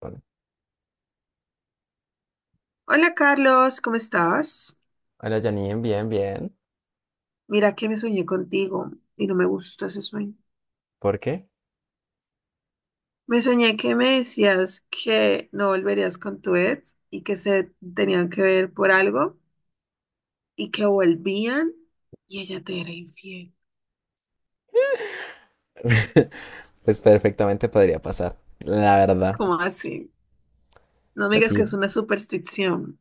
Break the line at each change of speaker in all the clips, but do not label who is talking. Hola,
Hola Carlos, ¿cómo estás?
hola, Janine, bien, bien.
Mira que me soñé contigo y no me gustó ese sueño.
¿Por qué?
Me soñé que me decías que no volverías con tu ex y que se tenían que ver por algo y que volvían y ella te era infiel.
Pues perfectamente podría pasar, la verdad.
¿Cómo así? No me
Pues
digas que
sí,
es una superstición.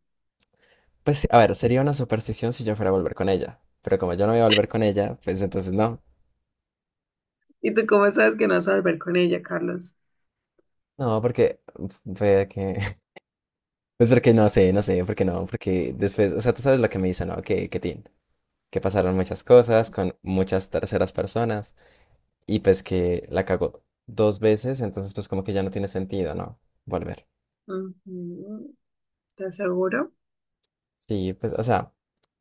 pues sí. A ver, sería una superstición si yo fuera a volver con ella. Pero como yo no voy a volver con ella, pues entonces no.
¿Y tú cómo sabes que no vas a volver con ella, Carlos?
No, porque fue que pues porque no sé, porque no, porque después, o sea, tú sabes lo que me dice, ¿no? Que tin, que pasaron muchas cosas con muchas terceras personas y pues que la cagó dos veces, entonces pues como que ya no tiene sentido, ¿no? Volver.
Ujú. ¿Te aseguro?
Sí, pues, o sea,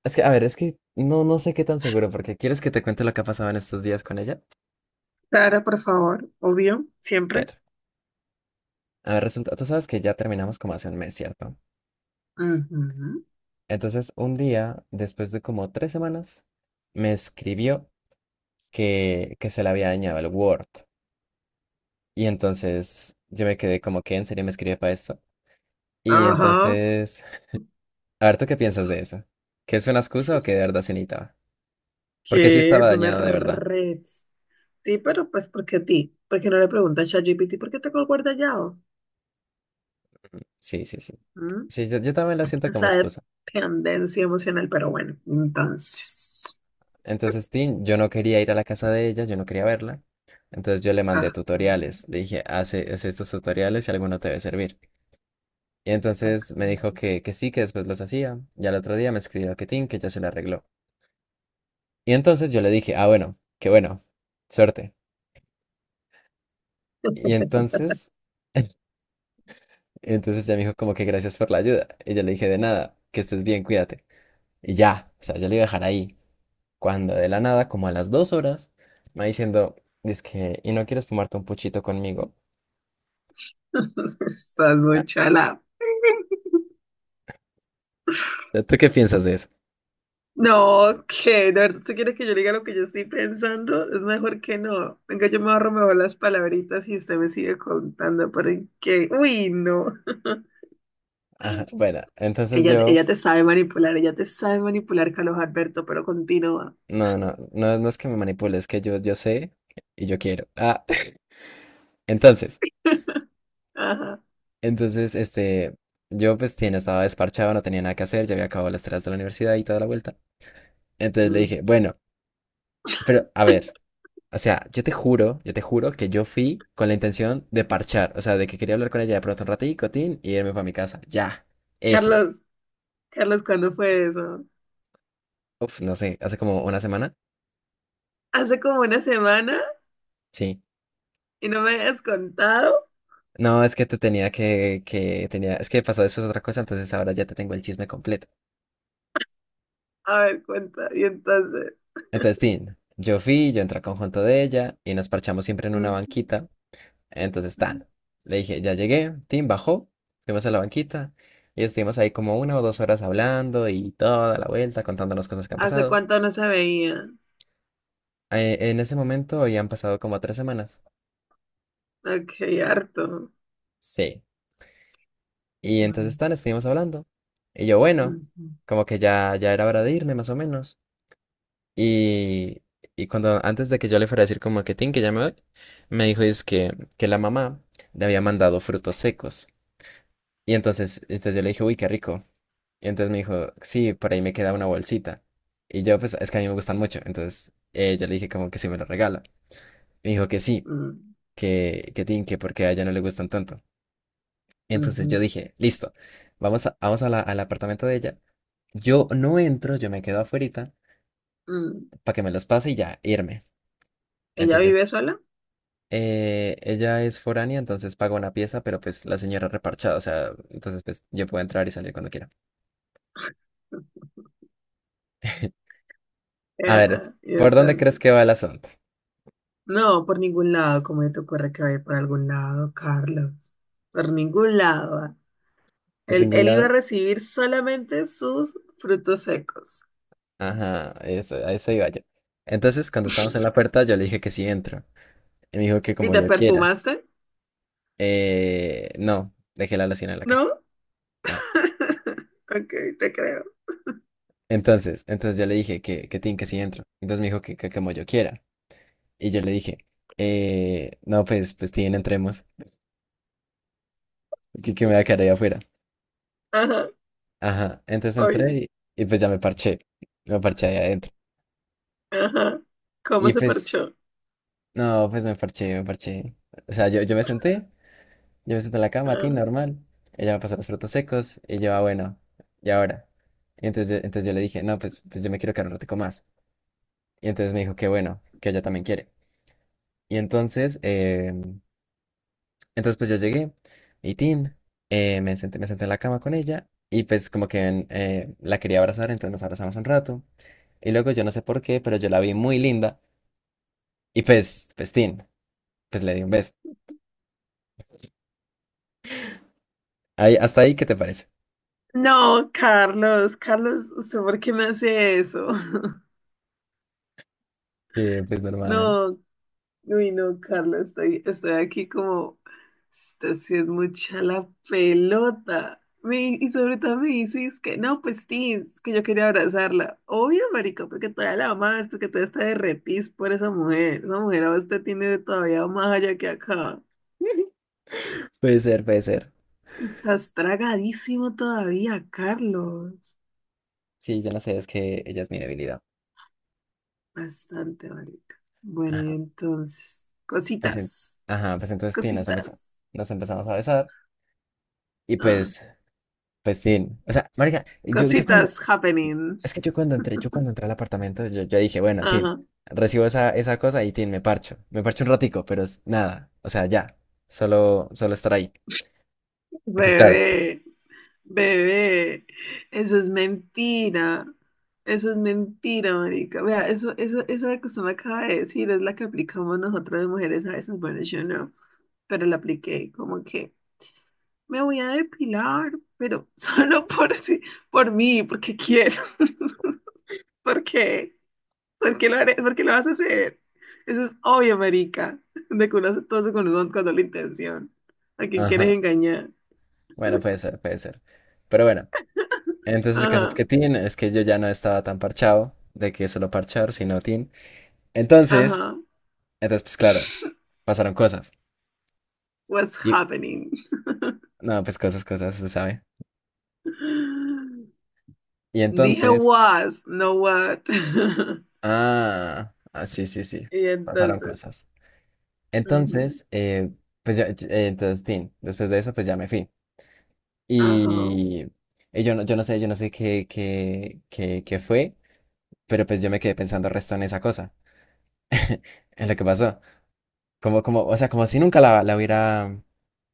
es que, a ver, es que no, no sé qué tan seguro, porque ¿quieres que te cuente lo que ha pasado en estos días con ella?
Claro, por favor, obvio,
A
siempre.
ver, a ver, resulta, tú sabes que ya terminamos como hace un mes, ¿cierto?
Ujú.
Entonces, un día, después de como tres semanas, me escribió que se le había dañado el Word. Y entonces yo me quedé como que en serio me escribe para esto. Y
Ajá.
entonces, a ver, ¿tú qué piensas de eso? ¿Que es una excusa o que de verdad se necesitaba? Porque sí
Que
estaba
es una
dañado de verdad.
red. Sí, pero pues ¿por qué a ti? ¿Por qué no le preguntas a ChatGPT por qué te guarda Yao?
Sí, sí, sí.
¿Mm?
Sí, yo también lo siento como
Esa
excusa.
dependencia emocional, pero bueno, entonces.
Entonces, Tin, yo no quería ir a la casa de ella, yo no quería verla. Entonces yo le mandé
Ajá,
tutoriales, le dije, hace, haz estos tutoriales y alguno te debe servir. Y
ok.
entonces me dijo que sí, que después los hacía. Y al otro día me escribió que Tin, que ya se le arregló. Y entonces yo le dije, ah, bueno, qué bueno, suerte. Y entonces, entonces ya me dijo como que gracias por la ayuda. Y yo le dije, de nada, que estés bien, cuídate. Y ya, o sea, yo le iba a dejar ahí. Cuando de la nada, como a las dos horas, me va diciendo, dice que, ¿y no quieres fumarte un puchito conmigo?
Estás muy
Ah,
chala.
¿tú qué piensas de eso?
No, que de verdad, si quieres que yo le diga lo que yo estoy pensando, es mejor que no. Venga, yo me ahorro mejor las palabritas y usted me sigue contando porque, uy, no.
Ajá, bueno, entonces
Ella,
yo,
ella te sabe manipular, ella te sabe manipular, Carlos Alberto, pero continúa.
no, no es que me manipule, es que yo sé y yo quiero. Ah, entonces,
Ajá.
entonces, este, yo pues tiene, estaba desparchado, no tenía nada que hacer, ya había acabado las tareas de la universidad y toda la vuelta. Entonces le
Mm.
dije, bueno, pero a ver, o sea, yo te juro que yo fui con la intención de parchar, o sea, de que quería hablar con ella de pronto un ratito, tin, y irme para mi casa, ya, eso.
Carlos, Carlos, ¿cuándo fue eso?
Uf, no sé, hace como una semana,
Hace como una semana
sí.
y no me has contado.
No, es que te tenía que tenía, es que pasó después otra cosa, entonces ahora ya te tengo el chisme completo.
A ver, cuenta. Y entonces,
Entonces, Tin, yo fui, yo entré al conjunto de ella y nos parchamos siempre en una
mm,
banquita. Entonces,
mm.
tan, le dije, ya llegué, Tin bajó, fuimos a la banquita y estuvimos ahí como una o dos horas hablando y toda la vuelta contándonos cosas que han
¿Hace
pasado.
cuánto no se veía?
En ese momento ya han pasado como tres semanas.
Ok, harto.
Sí. Y entonces,
Bueno.
tan, estuvimos hablando. Y yo, bueno,
Mm.
como que ya era hora de irme más o menos. Y, y cuando antes de que yo le fuera a decir como que tin, que ya me voy, me dijo es que la mamá le había mandado frutos secos. Y entonces yo le dije, uy, qué rico. Y entonces me dijo, sí, por ahí me queda una bolsita. Y yo, pues, es que a mí me gustan mucho. Entonces yo le dije como que si me lo regala. Me dijo que sí,
Mm.
que tin, que porque a ella no le gustan tanto. Entonces yo
Mm.
dije, listo, vamos, a- vamos a la- al apartamento de ella. Yo no entro, yo me quedo afuerita
Mm.
para que me los pase y ya, irme.
¿Ella
Entonces
vive sola?
Ella es foránea, entonces paga una pieza, pero pues la señora reparchada, o sea, entonces pues yo puedo entrar y salir cuando quiera. A ver,
Ajá. Y
¿por dónde crees
entonces,
que va el asunto?
no, por ningún lado, como te ocurre que vaya por algún lado, Carlos. Por ningún lado va.
¿Por
Él,
ningún
él iba a
lado?
recibir solamente sus frutos secos.
Ajá, eso, a eso iba yo. Entonces, cuando estábamos en la puerta, yo le dije que sí entro. Y me dijo que
¿Y
como
te
yo quiera.
perfumaste?
No, dejé la loción en la casa.
¿No?
No.
Ok, te creo.
Entonces yo le dije que tin, que sí entro. Entonces me dijo que como yo quiera. Y yo le dije, no, pues, pues tin, entremos. Que me voy a quedar ahí afuera.
Ajá,
Ajá, entonces entré
oye.
y pues ya me parché ahí adentro.
Ajá. ¿Cómo
Y
se
pues,
parchó?
no, pues me parché. O sea, yo me senté en la cama, a ti,
Ajá.
normal. Ella me pasó los frutos secos y yo, ah, bueno, ¿y ahora? Y entonces yo le dije, no, pues, pues yo me quiero quedar un ratico más. Y entonces me dijo que bueno, que ella también quiere. Y entonces, entonces pues yo llegué y tin, me senté en la cama con ella y pues como que la quería abrazar, entonces nos abrazamos un rato. Y luego yo no sé por qué, pero yo la vi muy linda. Y pues, pues, tin, pues le di un beso. Ahí, hasta ahí, ¿qué te parece?
No, Carlos, Carlos, ¿usted por qué me hace eso?
Que pues normal.
No, uy, no, Carlos, estoy aquí como, esta sí es mucha la pelota. Y sobre todo me dices que no, pues sí, es que yo quería abrazarla. Obvio, marico, porque todavía la amas, porque todavía está derretís por esa mujer. Esa mujer a usted tiene todavía más allá que acá.
Puede ser, puede ser.
Estás tragadísimo todavía, Carlos.
Sí, yo no sé, es que ella es mi debilidad.
Bastante, marica. Bueno, y
Ajá.
entonces,
Pues, en-
cositas,
ajá, pues entonces, tin, nos empezamos,
cositas,
nos empezamos a besar. Y
ah,
pues, pues, tin. O sea, marica, yo cuando,
cositas happening.
es que yo cuando entré al apartamento, yo dije, bueno, tin,
Ajá.
recibo esa, esa cosa y tin, me parcho. Me parcho un ratico, pero es nada. O sea, ya. Solo estar ahí. Y pues claro.
Bebé, bebé, eso es mentira. Eso es mentira, marica. Vea, eso, esa que usted me acaba de decir es la que aplicamos nosotras de mujeres a veces. Bueno, yo no, pero la apliqué como que. Me voy a depilar, pero solo por, por mí, porque quiero. ¿Por qué? ¿Por qué lo haré? ¿Por qué lo vas a hacer? Eso es obvio, marica. De que uno hace todo eso con, con doble intención. ¿A quién quieres
Ajá.
engañar?
Bueno, puede ser, puede ser. Pero bueno, entonces el caso es
Ajá,
que Tin, es que yo ya no estaba tan parchado de que solo parchar, sino Tin. Entonces,
ajá.
entonces, pues claro, pasaron cosas.
What's
Y,
happening?
no, pues cosas, cosas, se sabe. Y
Dije
entonces,
was, no what.
ah, ah, sí, sí, sí,
Y
pasaron
entonces,
cosas.
ujú,
Entonces, pues ya, yo- entonces Tin, después de eso, pues ya me fui.
ajá,
Y, y yo no, yo no sé qué, qué, qué, qué fue, pero pues yo me quedé pensando resto en esa cosa, en lo que pasó. Como, o sea, como si nunca la hubiera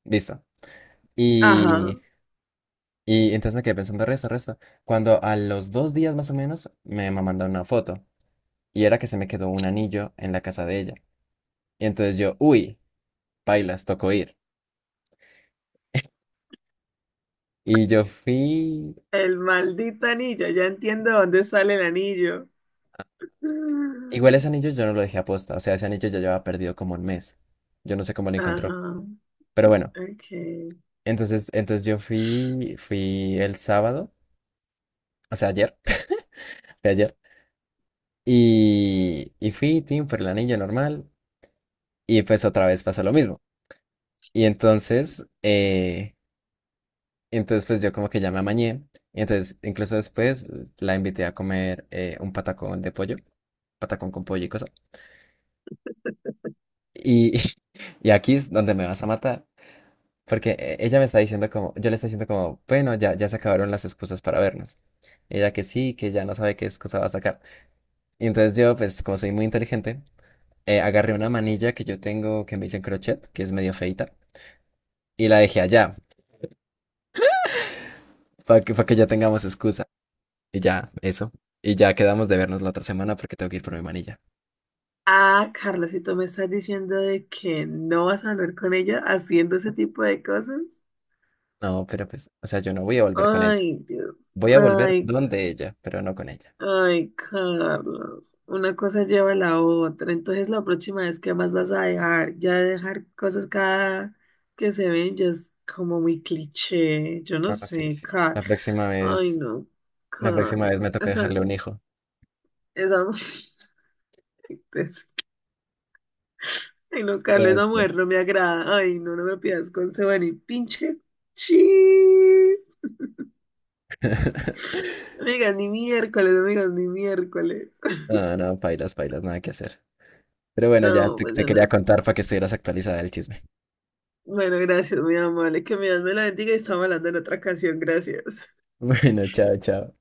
visto. Y,
ajá.
y entonces me quedé pensando, resto, resto. Cuando a los dos días más o menos mandó una foto y era que se me quedó un anillo en la casa de ella. Y entonces yo, uy, pailas, tocó ir. Y yo fui.
El maldito anillo, ya entiendo dónde sale el anillo.
Igual ese anillo yo no lo dejé aposta, o sea, ese anillo ya llevaba perdido como un mes. Yo no sé cómo lo
Ajá,
encontró. Pero bueno,
ok.
entonces yo fui, fui el sábado, o sea, ayer, de ayer. Y fui, Tim, por el anillo normal. Y pues otra vez pasó lo mismo. Y entonces, entonces pues yo como que ya me amañé. Y entonces, incluso después la invité a comer un patacón de pollo, patacón con pollo y cosa. Y, y aquí es donde me vas a matar. Porque ella me está diciendo como, yo le estoy diciendo como, bueno, ya se acabaron las excusas para vernos. Ella que sí, que ya no sabe qué excusa va a sacar. Y entonces yo, pues como soy muy inteligente, agarré una manilla que yo tengo que me dicen crochet, que es medio feita, y la dejé allá, para que ya tengamos excusa. Y ya, eso. Y ya quedamos de vernos la otra semana porque tengo que ir por mi manilla.
Ah, Carla, si tú me estás diciendo de que no vas a hablar con ella haciendo ese tipo de cosas.
No, pero pues, o sea, yo no voy a volver con ella.
Ay, Dios.
Voy a volver
Ay,
donde ella, pero no con ella.
ay, Carlos. Una cosa lleva a la otra. Entonces, la próxima vez, ¿qué más vas a dejar? Ya dejar cosas cada que se ven ya es como muy cliché. Yo no
Ah, sí,
sé,
sí. La
Carlos.
próxima
Ay,
vez,
no,
la próxima vez me
Carlos.
toca
Esa,
dejarle un hijo.
esa. Entonces, ay, no, Carlos,
Ya,
esa mujer
pues.
no me agrada. Ay, no, no me pidas consejo ni pinche chi. No me digas ni miércoles, no me digas ni miércoles.
No, no, pailas, pailas, nada que hacer. Pero bueno, ya
No,
te,
pues
te
yo
quería
no sé.
contar para que estuvieras actualizada del chisme.
Bueno, gracias, muy amable. Que mi Dios me la bendiga y estamos hablando en otra ocasión. Gracias.
Bueno, chao, chao.